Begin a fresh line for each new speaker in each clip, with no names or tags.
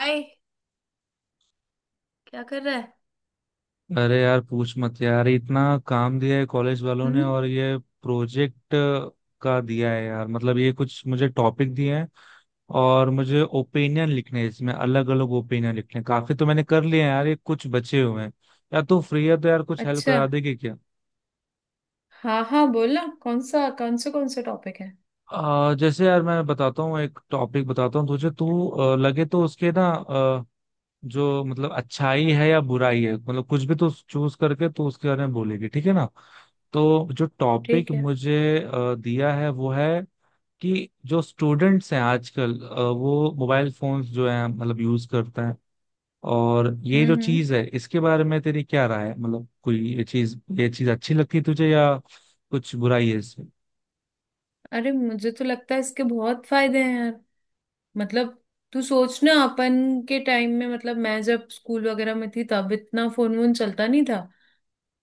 हाय। क्या कर रहा है?
अरे यार पूछ मत यार, इतना काम दिया है कॉलेज वालों ने।
हम्म।
और ये प्रोजेक्ट का दिया है यार, मतलब ये कुछ मुझे टॉपिक दिए हैं और मुझे ओपिनियन लिखने हैं इसमें, अलग अलग ओपिनियन लिखने हैं। काफी तो मैंने कर लिए हैं यार, ये कुछ बचे हुए हैं। यार तू फ्री है तो यार कुछ हेल्प
अच्छा।
करा देगी क्या?
हाँ हाँ, बोलना कौन से टॉपिक है।
जैसे यार मैं बताता हूँ, एक टॉपिक बताता हूँ तुझे। तू लगे तो उसके, ना जो मतलब अच्छाई है या बुराई है, मतलब कुछ भी तो चूज करके तो उसके बारे में बोलेगी। ठीक है ना? तो जो टॉपिक
ठीक है।
मुझे दिया है वो है कि जो स्टूडेंट्स हैं आजकल वो मोबाइल फोन्स जो हैं मतलब यूज करते हैं, और ये जो
हम्म। हम्म।
चीज है इसके बारे में तेरी क्या राय है? मतलब कोई ये चीज अच्छी लगती है तुझे, या कुछ बुराई है?
अरे, मुझे तो लगता है इसके बहुत फायदे हैं यार। मतलब तू सोच ना, अपन के टाइम में, मतलब मैं जब स्कूल वगैरह में थी तब इतना फोन वोन चलता नहीं था।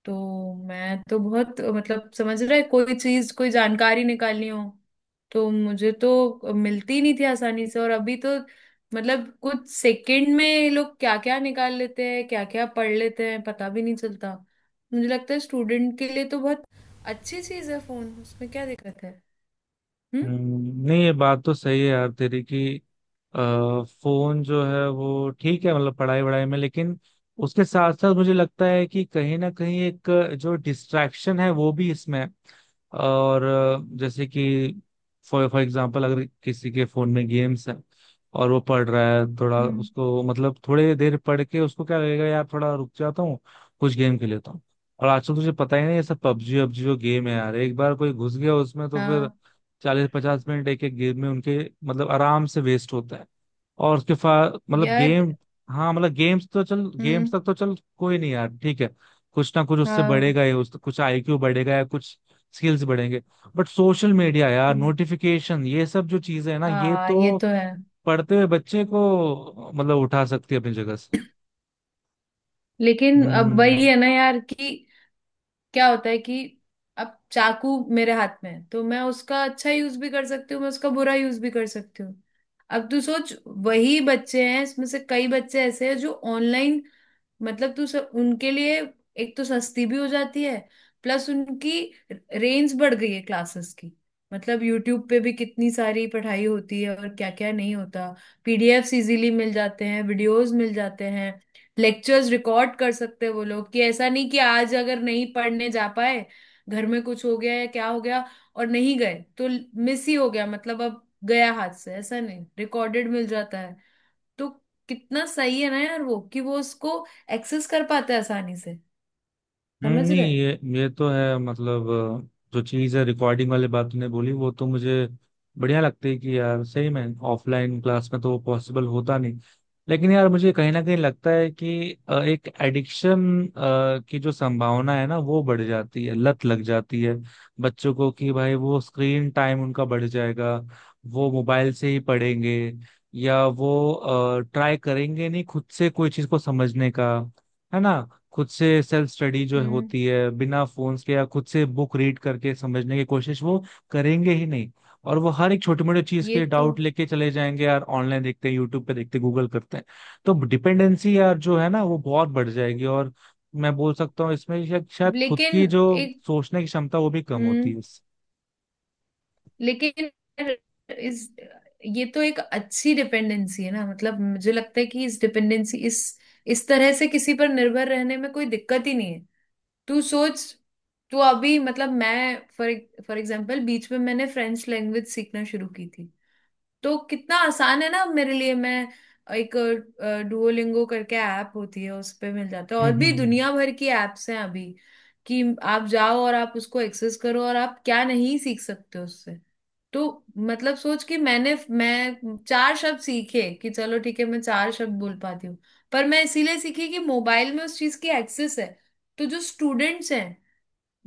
तो मैं तो बहुत, मतलब समझ रहे, कोई चीज कोई जानकारी निकालनी हो तो मुझे तो मिलती नहीं थी आसानी से। और अभी तो मतलब कुछ सेकंड में ये लोग क्या क्या निकाल लेते हैं, क्या क्या पढ़ लेते हैं, पता भी नहीं चलता। मुझे लगता है स्टूडेंट के लिए तो बहुत अच्छी चीज है फोन। उसमें क्या दिक्कत है? हम्म।
नहीं ये बात तो सही है यार तेरी, कि अ, फोन जो है वो ठीक है मतलब पढ़ाई वढ़ाई में। लेकिन उसके साथ साथ मुझे लगता है कि कहीं ना कहीं एक जो डिस्ट्रैक्शन है वो भी इसमें है। और जैसे कि फॉर फॉर एग्जांपल, अगर किसी के फोन में गेम्स है और वो पढ़ रहा है थोड़ा,
हम्म।
उसको मतलब थोड़ी देर पढ़ के उसको क्या लगेगा यार, थोड़ा रुक जाता हूँ कुछ गेम खेल लेता हूँ। और आजकल तुझे पता ही नहीं, ये सब पबजी वबजी जो गेम है यार, एक बार कोई घुस गया उसमें तो फिर
हाँ
40-50 मिनट एक एक गेम में उनके मतलब आराम से वेस्ट होता है। और उसके फा मतलब
यार।
गेम। हाँ मतलब गेम्स तो चल, गेम्स
हम्म।
तक तो चल कोई नहीं यार, ठीक है। कुछ ना कुछ उससे
हाँ।
बढ़ेगा ही, उस कुछ आईक्यू बढ़ेगा या कुछ स्किल्स बढ़ेंगे। बट सोशल मीडिया यार,
हम्म,
नोटिफिकेशन, ये सब जो चीजें है ना, ये
हाँ, ये
तो
तो है।
पढ़ते हुए बच्चे को मतलब उठा सकती है अपनी जगह से।
लेकिन अब
हम्म
वही है ना यार, कि क्या होता है कि अब चाकू मेरे हाथ में है तो मैं उसका अच्छा यूज भी कर सकती हूँ, मैं उसका बुरा यूज भी कर सकती हूँ। अब तू सोच, वही बच्चे हैं, इसमें से कई बच्चे ऐसे हैं जो ऑनलाइन, मतलब उनके लिए एक तो सस्ती भी हो जाती है, प्लस उनकी रेंज बढ़ गई है क्लासेस की। मतलब यूट्यूब पे भी कितनी सारी पढ़ाई होती है, और क्या क्या नहीं होता। पीडीएफ्स इजीली मिल जाते हैं, वीडियोस मिल जाते हैं, लेक्चर्स रिकॉर्ड कर सकते हैं वो लोग। कि ऐसा नहीं कि आज अगर नहीं पढ़ने जा पाए, घर में कुछ हो गया या क्या हो गया और नहीं गए तो मिस ही हो गया। मतलब अब गया हाथ से, ऐसा नहीं, रिकॉर्डेड मिल जाता। तो कितना सही है ना यार वो, कि वो उसको एक्सेस कर पाता है आसानी से। समझ
नहीं
रहे।
ये तो है। मतलब जो चीज़ है रिकॉर्डिंग वाली बात तूने बोली, वो तो मुझे बढ़िया लगती है कि यार सही में। ऑफलाइन क्लास में तो वो पॉसिबल होता नहीं। लेकिन यार मुझे कहीं ना कहीं लगता है कि एक एडिक्शन की जो संभावना है ना वो बढ़ जाती है, लत लग जाती है बच्चों को कि भाई, वो स्क्रीन टाइम उनका बढ़ जाएगा, वो मोबाइल से ही पढ़ेंगे, या वो ट्राई करेंगे नहीं खुद से कोई चीज़ को समझने का। है ना? खुद से सेल्फ स्टडी जो
हम्म।
होती है बिना फोन्स के, या खुद से बुक रीड करके समझने की कोशिश, वो करेंगे ही नहीं। और वो हर एक छोटी मोटी चीज
ये
के
तो।
डाउट लेके चले जाएंगे यार, ऑनलाइन देखते हैं, यूट्यूब पे देखते हैं, गूगल करते हैं। तो डिपेंडेंसी यार जो है ना, वो बहुत बढ़ जाएगी। और मैं बोल सकता हूँ इसमें शायद शायद खुद
लेकिन
की जो
एक।
सोचने की क्षमता, वो भी कम होती
हम्म।
है इससे।
लेकिन इस। ये तो एक अच्छी डिपेंडेंसी है ना। मतलब मुझे लगता है कि इस डिपेंडेंसी, इस तरह से किसी पर निर्भर रहने में कोई दिक्कत ही नहीं है। तू सोच, तू अभी, मतलब मैं, फॉर फॉर एग्जांपल बीच में मैंने फ्रेंच लैंग्वेज सीखना शुरू की थी। तो कितना आसान है ना मेरे लिए, मैं एक डुओलिंगो करके ऐप होती है उस पे मिल जाता है,
हम्म
और
हम्म
भी
हम्म
दुनिया भर की एप्स हैं अभी, कि आप जाओ और आप उसको एक्सेस करो और आप क्या नहीं सीख सकते उससे। तो मतलब सोच कि मैं चार शब्द सीखे, कि चलो ठीक है मैं चार शब्द बोल पाती हूँ। पर मैं इसीलिए सीखी कि मोबाइल में उस चीज की एक्सेस है। तो जो स्टूडेंट्स हैं,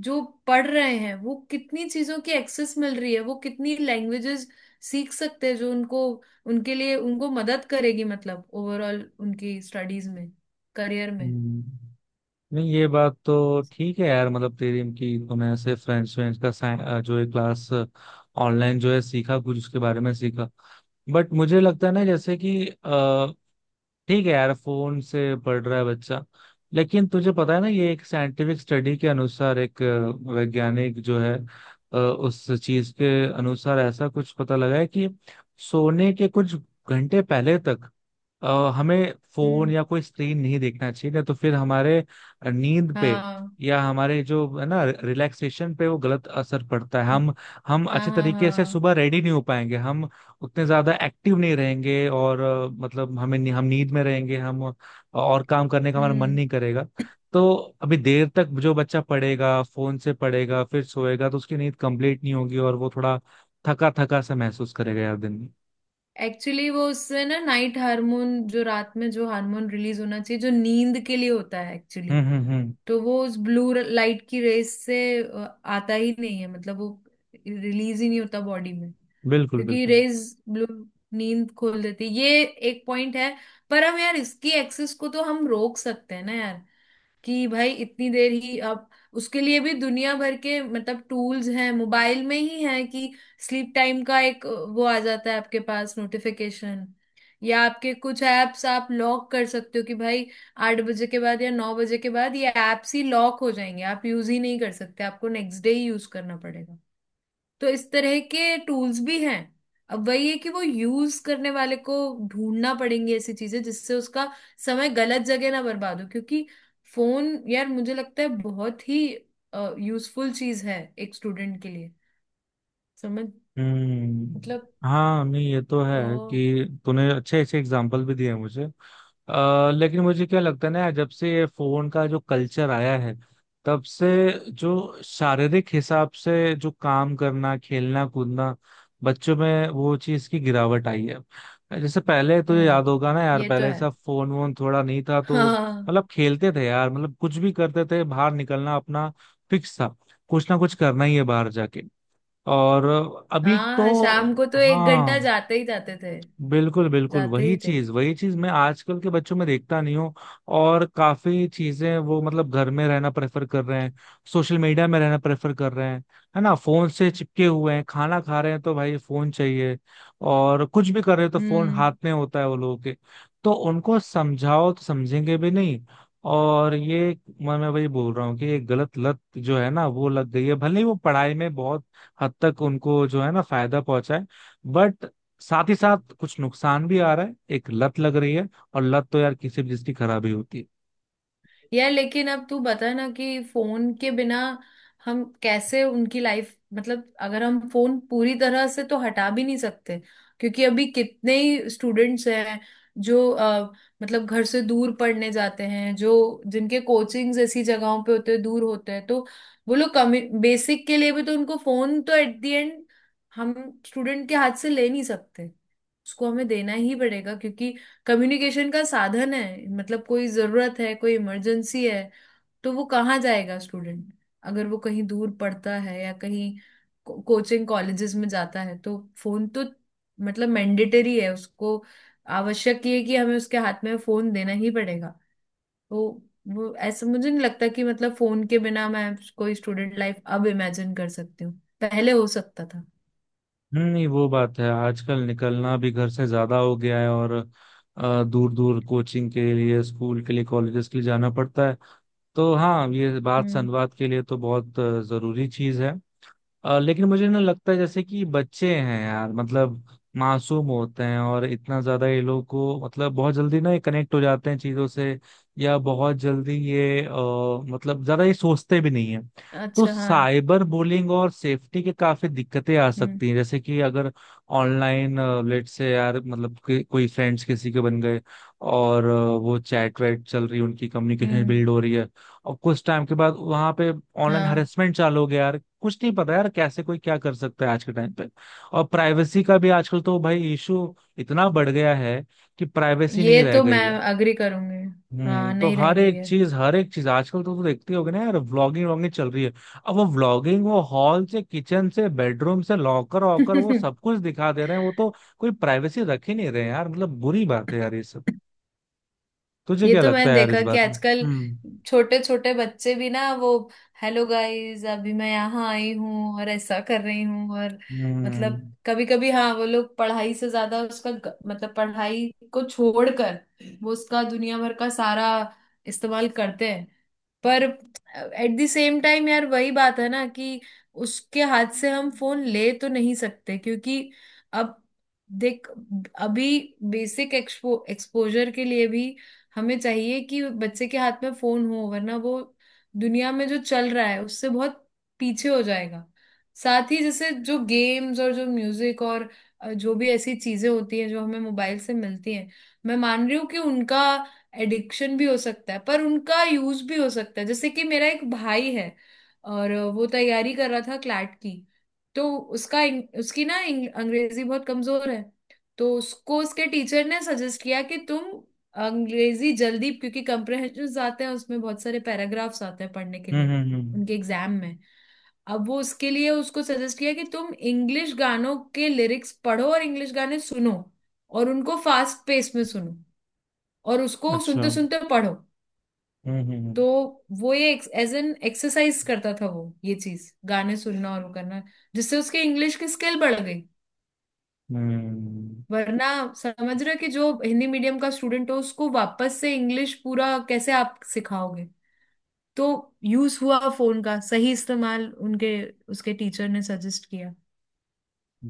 जो पढ़ रहे हैं वो, कितनी चीजों की एक्सेस मिल रही है, वो कितनी लैंग्वेजेस सीख सकते हैं जो उनको, उनके लिए उनको मदद करेगी, मतलब ओवरऑल उनकी स्टडीज में, करियर में।
हम्म। नहीं ये बात तो ठीक है यार, मतलब तेरी, कि तूने ऐसे फ्रेंच फ्रेंच का जो है क्लास ऑनलाइन जो है सीखा, कुछ उसके बारे में सीखा। बट मुझे लगता है ना, जैसे कि ठीक है यार फोन से पढ़ रहा है बच्चा, लेकिन तुझे पता है ना, ये एक साइंटिफिक स्टडी के अनुसार, एक वैज्ञानिक जो है उस चीज के अनुसार ऐसा कुछ पता लगा है कि सोने के कुछ घंटे पहले तक हमें फोन
हम्म।
या कोई स्क्रीन नहीं देखना चाहिए, नहीं तो फिर हमारे नींद पे
हाँ
या हमारे जो है ना रिलैक्सेशन पे वो गलत असर पड़ता है। हम
हाँ
अच्छे
हाँ।
तरीके से
हाँ।
सुबह रेडी नहीं हो पाएंगे, हम उतने ज्यादा एक्टिव नहीं रहेंगे, और मतलब हमें, हम नींद में रहेंगे, हम, और काम करने का हमारा मन
हम्म।
नहीं करेगा। तो अभी देर तक जो बच्चा पढ़ेगा, फोन से पढ़ेगा फिर सोएगा, तो उसकी नींद कंप्लीट नहीं होगी और वो थोड़ा थका थका सा महसूस करेगा यार दिन में।
एक्चुअली वो उससे ना, नाइट हार्मोन, जो रात में जो हार्मोन रिलीज होना चाहिए जो नींद के लिए होता है एक्चुअली,
हम्म हम्म हम्म
तो वो उस ब्लू लाइट की रेस से आता ही नहीं है, मतलब वो रिलीज ही नहीं होता बॉडी में।
बिल्कुल
क्योंकि
बिल्कुल।
रेज, ब्लू, नींद खोल देती है। ये एक पॉइंट है। पर हम यार, इसकी एक्सेस को तो हम रोक सकते हैं ना यार। कि भाई इतनी देर ही आप, उसके लिए भी दुनिया भर के मतलब टूल्स हैं मोबाइल में ही है। कि स्लीप टाइम का एक, वो आ जाता है आपके पास नोटिफिकेशन, या आपके कुछ ऐप्स आप लॉक कर सकते हो कि भाई 8 बजे के बाद या 9 बजे के बाद ये ऐप्स ही लॉक हो जाएंगे, आप यूज ही नहीं कर सकते, आपको नेक्स्ट डे ही यूज करना पड़ेगा। तो इस तरह के टूल्स भी हैं। अब वही है कि वो यूज करने वाले को ढूंढना पड़ेंगे ऐसी चीजें जिससे उसका समय गलत जगह ना बर्बाद हो। क्योंकि फोन यार मुझे लगता है बहुत ही यूजफुल चीज है एक स्टूडेंट के लिए। समझ। मतलब
हाँ, नहीं ये तो
अ,
है कि तूने अच्छे अच्छे एग्जाम्पल भी दिए मुझे। लेकिन मुझे क्या लगता है ना, जब से ये फोन का जो कल्चर आया है, तब से जो शारीरिक हिसाब से जो काम करना, खेलना कूदना बच्चों में, वो चीज की गिरावट आई है। जैसे पहले तुझे याद
हम्म।
होगा ना यार,
ये तो
पहले
है।
सब फोन वोन थोड़ा नहीं था, तो
हाँ।
मतलब खेलते थे यार, मतलब कुछ भी करते थे, बाहर निकलना अपना फिक्स था, कुछ ना कुछ करना ही है बाहर जाके। और अभी तो,
हाँ, शाम को तो एक घंटा
हाँ,
जाते ही जाते थे,
बिल्कुल बिल्कुल,
जाते ही थे।
वही चीज मैं आजकल के बच्चों में देखता नहीं हूँ। और काफी चीजें वो मतलब घर में रहना प्रेफर कर रहे हैं, सोशल मीडिया में रहना प्रेफर कर रहे हैं, है ना, फोन से चिपके हुए हैं, खाना खा रहे हैं तो भाई फोन चाहिए, और कुछ भी कर रहे हैं तो फोन हाथ
हम्म।
में होता है वो लोगों के। तो उनको समझाओ तो समझेंगे भी नहीं। और ये मैं वही बोल रहा हूँ कि ये गलत लत जो है ना वो लग गई है, भले ही वो पढ़ाई में बहुत हद तक उनको जो है ना फायदा पहुंचाए, बट साथ ही साथ कुछ नुकसान भी आ रहा है, एक लत लग रही है। और लत तो यार किसी भी चीज की खराबी होती है।
यार लेकिन अब तू बता ना कि फोन के बिना हम कैसे उनकी लाइफ, मतलब अगर हम फोन पूरी तरह से तो हटा भी नहीं सकते, क्योंकि अभी कितने ही स्टूडेंट्स हैं जो मतलब घर से दूर पढ़ने जाते हैं, जो जिनके कोचिंग्स ऐसी जगहों पे होते हैं दूर होते हैं, तो वो लोग कमी बेसिक के लिए भी, तो उनको फोन तो एट द एंड, हम स्टूडेंट के हाथ से ले नहीं सकते, उसको हमें देना ही पड़ेगा। क्योंकि कम्युनिकेशन का साधन है, मतलब कोई जरूरत है, कोई इमरजेंसी है, तो वो कहाँ जाएगा स्टूडेंट? अगर वो कहीं दूर पढ़ता है या कहीं कोचिंग कॉलेजेस में जाता है, तो फोन तो मतलब मैंडेटरी है उसको। आवश्यक ये है कि हमें उसके हाथ में फोन देना ही पड़ेगा। तो वो, ऐसा मुझे नहीं लगता कि मतलब फोन के बिना मैं कोई स्टूडेंट लाइफ अब इमेजिन कर सकती हूँ। पहले हो सकता था।
नहीं, वो बात है, आजकल निकलना भी घर से ज्यादा हो गया है, और दूर दूर कोचिंग के लिए, स्कूल के लिए, कॉलेजेस के लिए जाना पड़ता है, तो हाँ ये बात
हम्म।
संवाद के लिए तो बहुत जरूरी चीज है। लेकिन मुझे ना लगता है, जैसे कि बच्चे हैं यार, मतलब मासूम होते हैं, और इतना ज्यादा ये लोग को मतलब बहुत जल्दी ना ये कनेक्ट हो जाते हैं चीजों से, या बहुत जल्दी ये मतलब ज्यादा ये सोचते भी नहीं है। तो
अच्छा। हाँ।
साइबर बुलिंग और सेफ्टी के काफी दिक्कतें आ
हम्म।
सकती हैं, जैसे कि अगर ऑनलाइन लेट से यार, मतलब कि कोई फ्रेंड्स किसी के बन गए, और वो चैट वैट चल रही है, उनकी कम्युनिकेशन
हम्म।
बिल्ड हो रही है, और कुछ टाइम के बाद वहां पे ऑनलाइन
हाँ
हरेसमेंट चालू हो गया यार, कुछ नहीं पता यार कैसे कोई क्या कर सकता है आज के टाइम पे। और प्राइवेसी का भी आजकल तो भाई इशू इतना बढ़ गया है कि प्राइवेसी नहीं
ये
रह
तो, मैं
गई है।
अग्री करूंगी। हाँ,
तो
नहीं रह गई
हर एक चीज आजकल तो, देखते होगे ना यार, व्लॉगिंग व्लॉगिंग चल रही है। अब वो व्लॉगिंग वो हॉल से, किचन से, बेडरूम से, लॉकर वॉकर, वो
है।
सब कुछ दिखा दे रहे हैं, वो तो कोई प्राइवेसी रख ही नहीं रहे हैं यार, मतलब बुरी बात है यार ये सब। तुझे
ये
क्या
तो
लगता
मैंने
है यार इस
देखा कि
बात में?
आजकल छोटे छोटे बच्चे भी ना, वो, हेलो गाइस अभी मैं यहाँ आई हूँ और ऐसा कर रही हूँ। और
हम्म
मतलब कभी कभी हाँ वो लोग पढ़ाई से ज्यादा उसका मतलब पढ़ाई को छोड़कर वो उसका दुनिया भर का सारा इस्तेमाल करते हैं। पर एट द सेम टाइम यार, वही बात है ना, कि उसके हाथ से हम फोन ले तो नहीं सकते। क्योंकि अब देख, अभी बेसिक एक्सपोजर के लिए भी हमें चाहिए कि बच्चे के हाथ में फोन हो, वरना वो दुनिया में जो चल रहा है उससे बहुत पीछे हो जाएगा। साथ ही जैसे जो गेम्स और जो म्यूजिक और जो भी ऐसी चीजें होती हैं जो हमें मोबाइल से मिलती हैं। मैं मान रही हूँ कि उनका एडिक्शन भी हो सकता है पर उनका यूज भी हो सकता है। जैसे कि मेरा एक भाई है, और वो तैयारी कर रहा था क्लैट की। तो उसका उसकी ना अंग्रेजी बहुत कमजोर है। तो उसको उसके टीचर ने सजेस्ट किया कि तुम अंग्रेजी जल्दी, क्योंकि कंप्रहेंशन आते हैं, उसमें बहुत सारे पैराग्राफ्स आते हैं पढ़ने के
हम्म
लिए
हम्म हम्म,
उनके एग्जाम में। अब वो उसके लिए उसको सजेस्ट किया कि तुम इंग्लिश गानों के लिरिक्स पढ़ो और इंग्लिश गाने सुनो, और उनको फास्ट पेस में सुनो, और उसको
अच्छा।
सुनते सुनते पढ़ो।
हम्म,
तो वो ये एज एन एक्सरसाइज करता था, वो ये चीज, गाने सुनना और वो करना, जिससे उसके इंग्लिश की स्किल बढ़ गई।
हम्म।
वरना समझ रहे हो कि जो हिंदी मीडियम का स्टूडेंट हो उसको वापस से इंग्लिश पूरा कैसे आप सिखाओगे। तो यूज हुआ फोन का सही इस्तेमाल, उनके उसके टीचर ने सजेस्ट किया।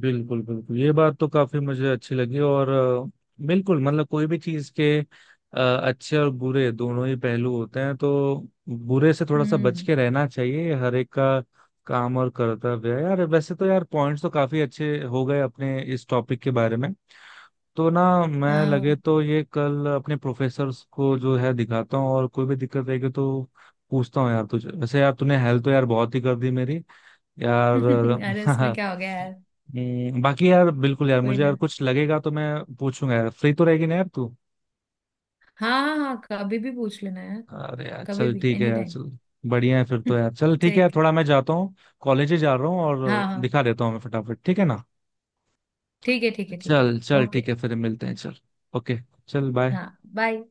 बिल्कुल बिल्कुल, ये बात तो काफी मुझे अच्छी लगी। और बिल्कुल, मतलब कोई भी चीज के अच्छे और बुरे दोनों ही पहलू होते हैं, तो बुरे से थोड़ा सा बच
हम्म।
के रहना चाहिए, ये हर एक का काम और कर्तव्य है यार। वैसे तो यार पॉइंट्स तो काफी अच्छे हो गए अपने इस टॉपिक के बारे में। तो ना मैं, लगे
हाँ।
तो ये कल अपने प्रोफेसर्स को जो है दिखाता हूँ, और कोई भी दिक्कत रहेगी तो पूछता हूँ यार तुझे। वैसे यार तूने हेल्प तो यार बहुत ही कर दी मेरी
अरे, इसमें
यार।
क्या हो गया यार।
बाकी यार बिल्कुल यार,
कोई
मुझे यार
ना।
कुछ लगेगा तो मैं पूछूंगा यार। फ्री तो रहेगी ना यार तू?
हाँ हाँ हाँ, कभी भी पूछ लेना यार।
अरे यार
कभी
चल,
भी,
ठीक है
एनी
यार,
टाइम।
चल। बढ़िया है फिर तो यार, चल ठीक है यार,
ठीक है।
थोड़ा मैं जाता हूँ, कॉलेज ही जा रहा हूँ
हाँ
और
हाँ।
दिखा देता हूँ मैं फटाफट। ठीक है ना?
ठीक है ठीक है ठीक है।
चल चल,
ओके।
ठीक है, फिर मिलते हैं, चल। ओके। चल, बाय।
हाँ, बाय।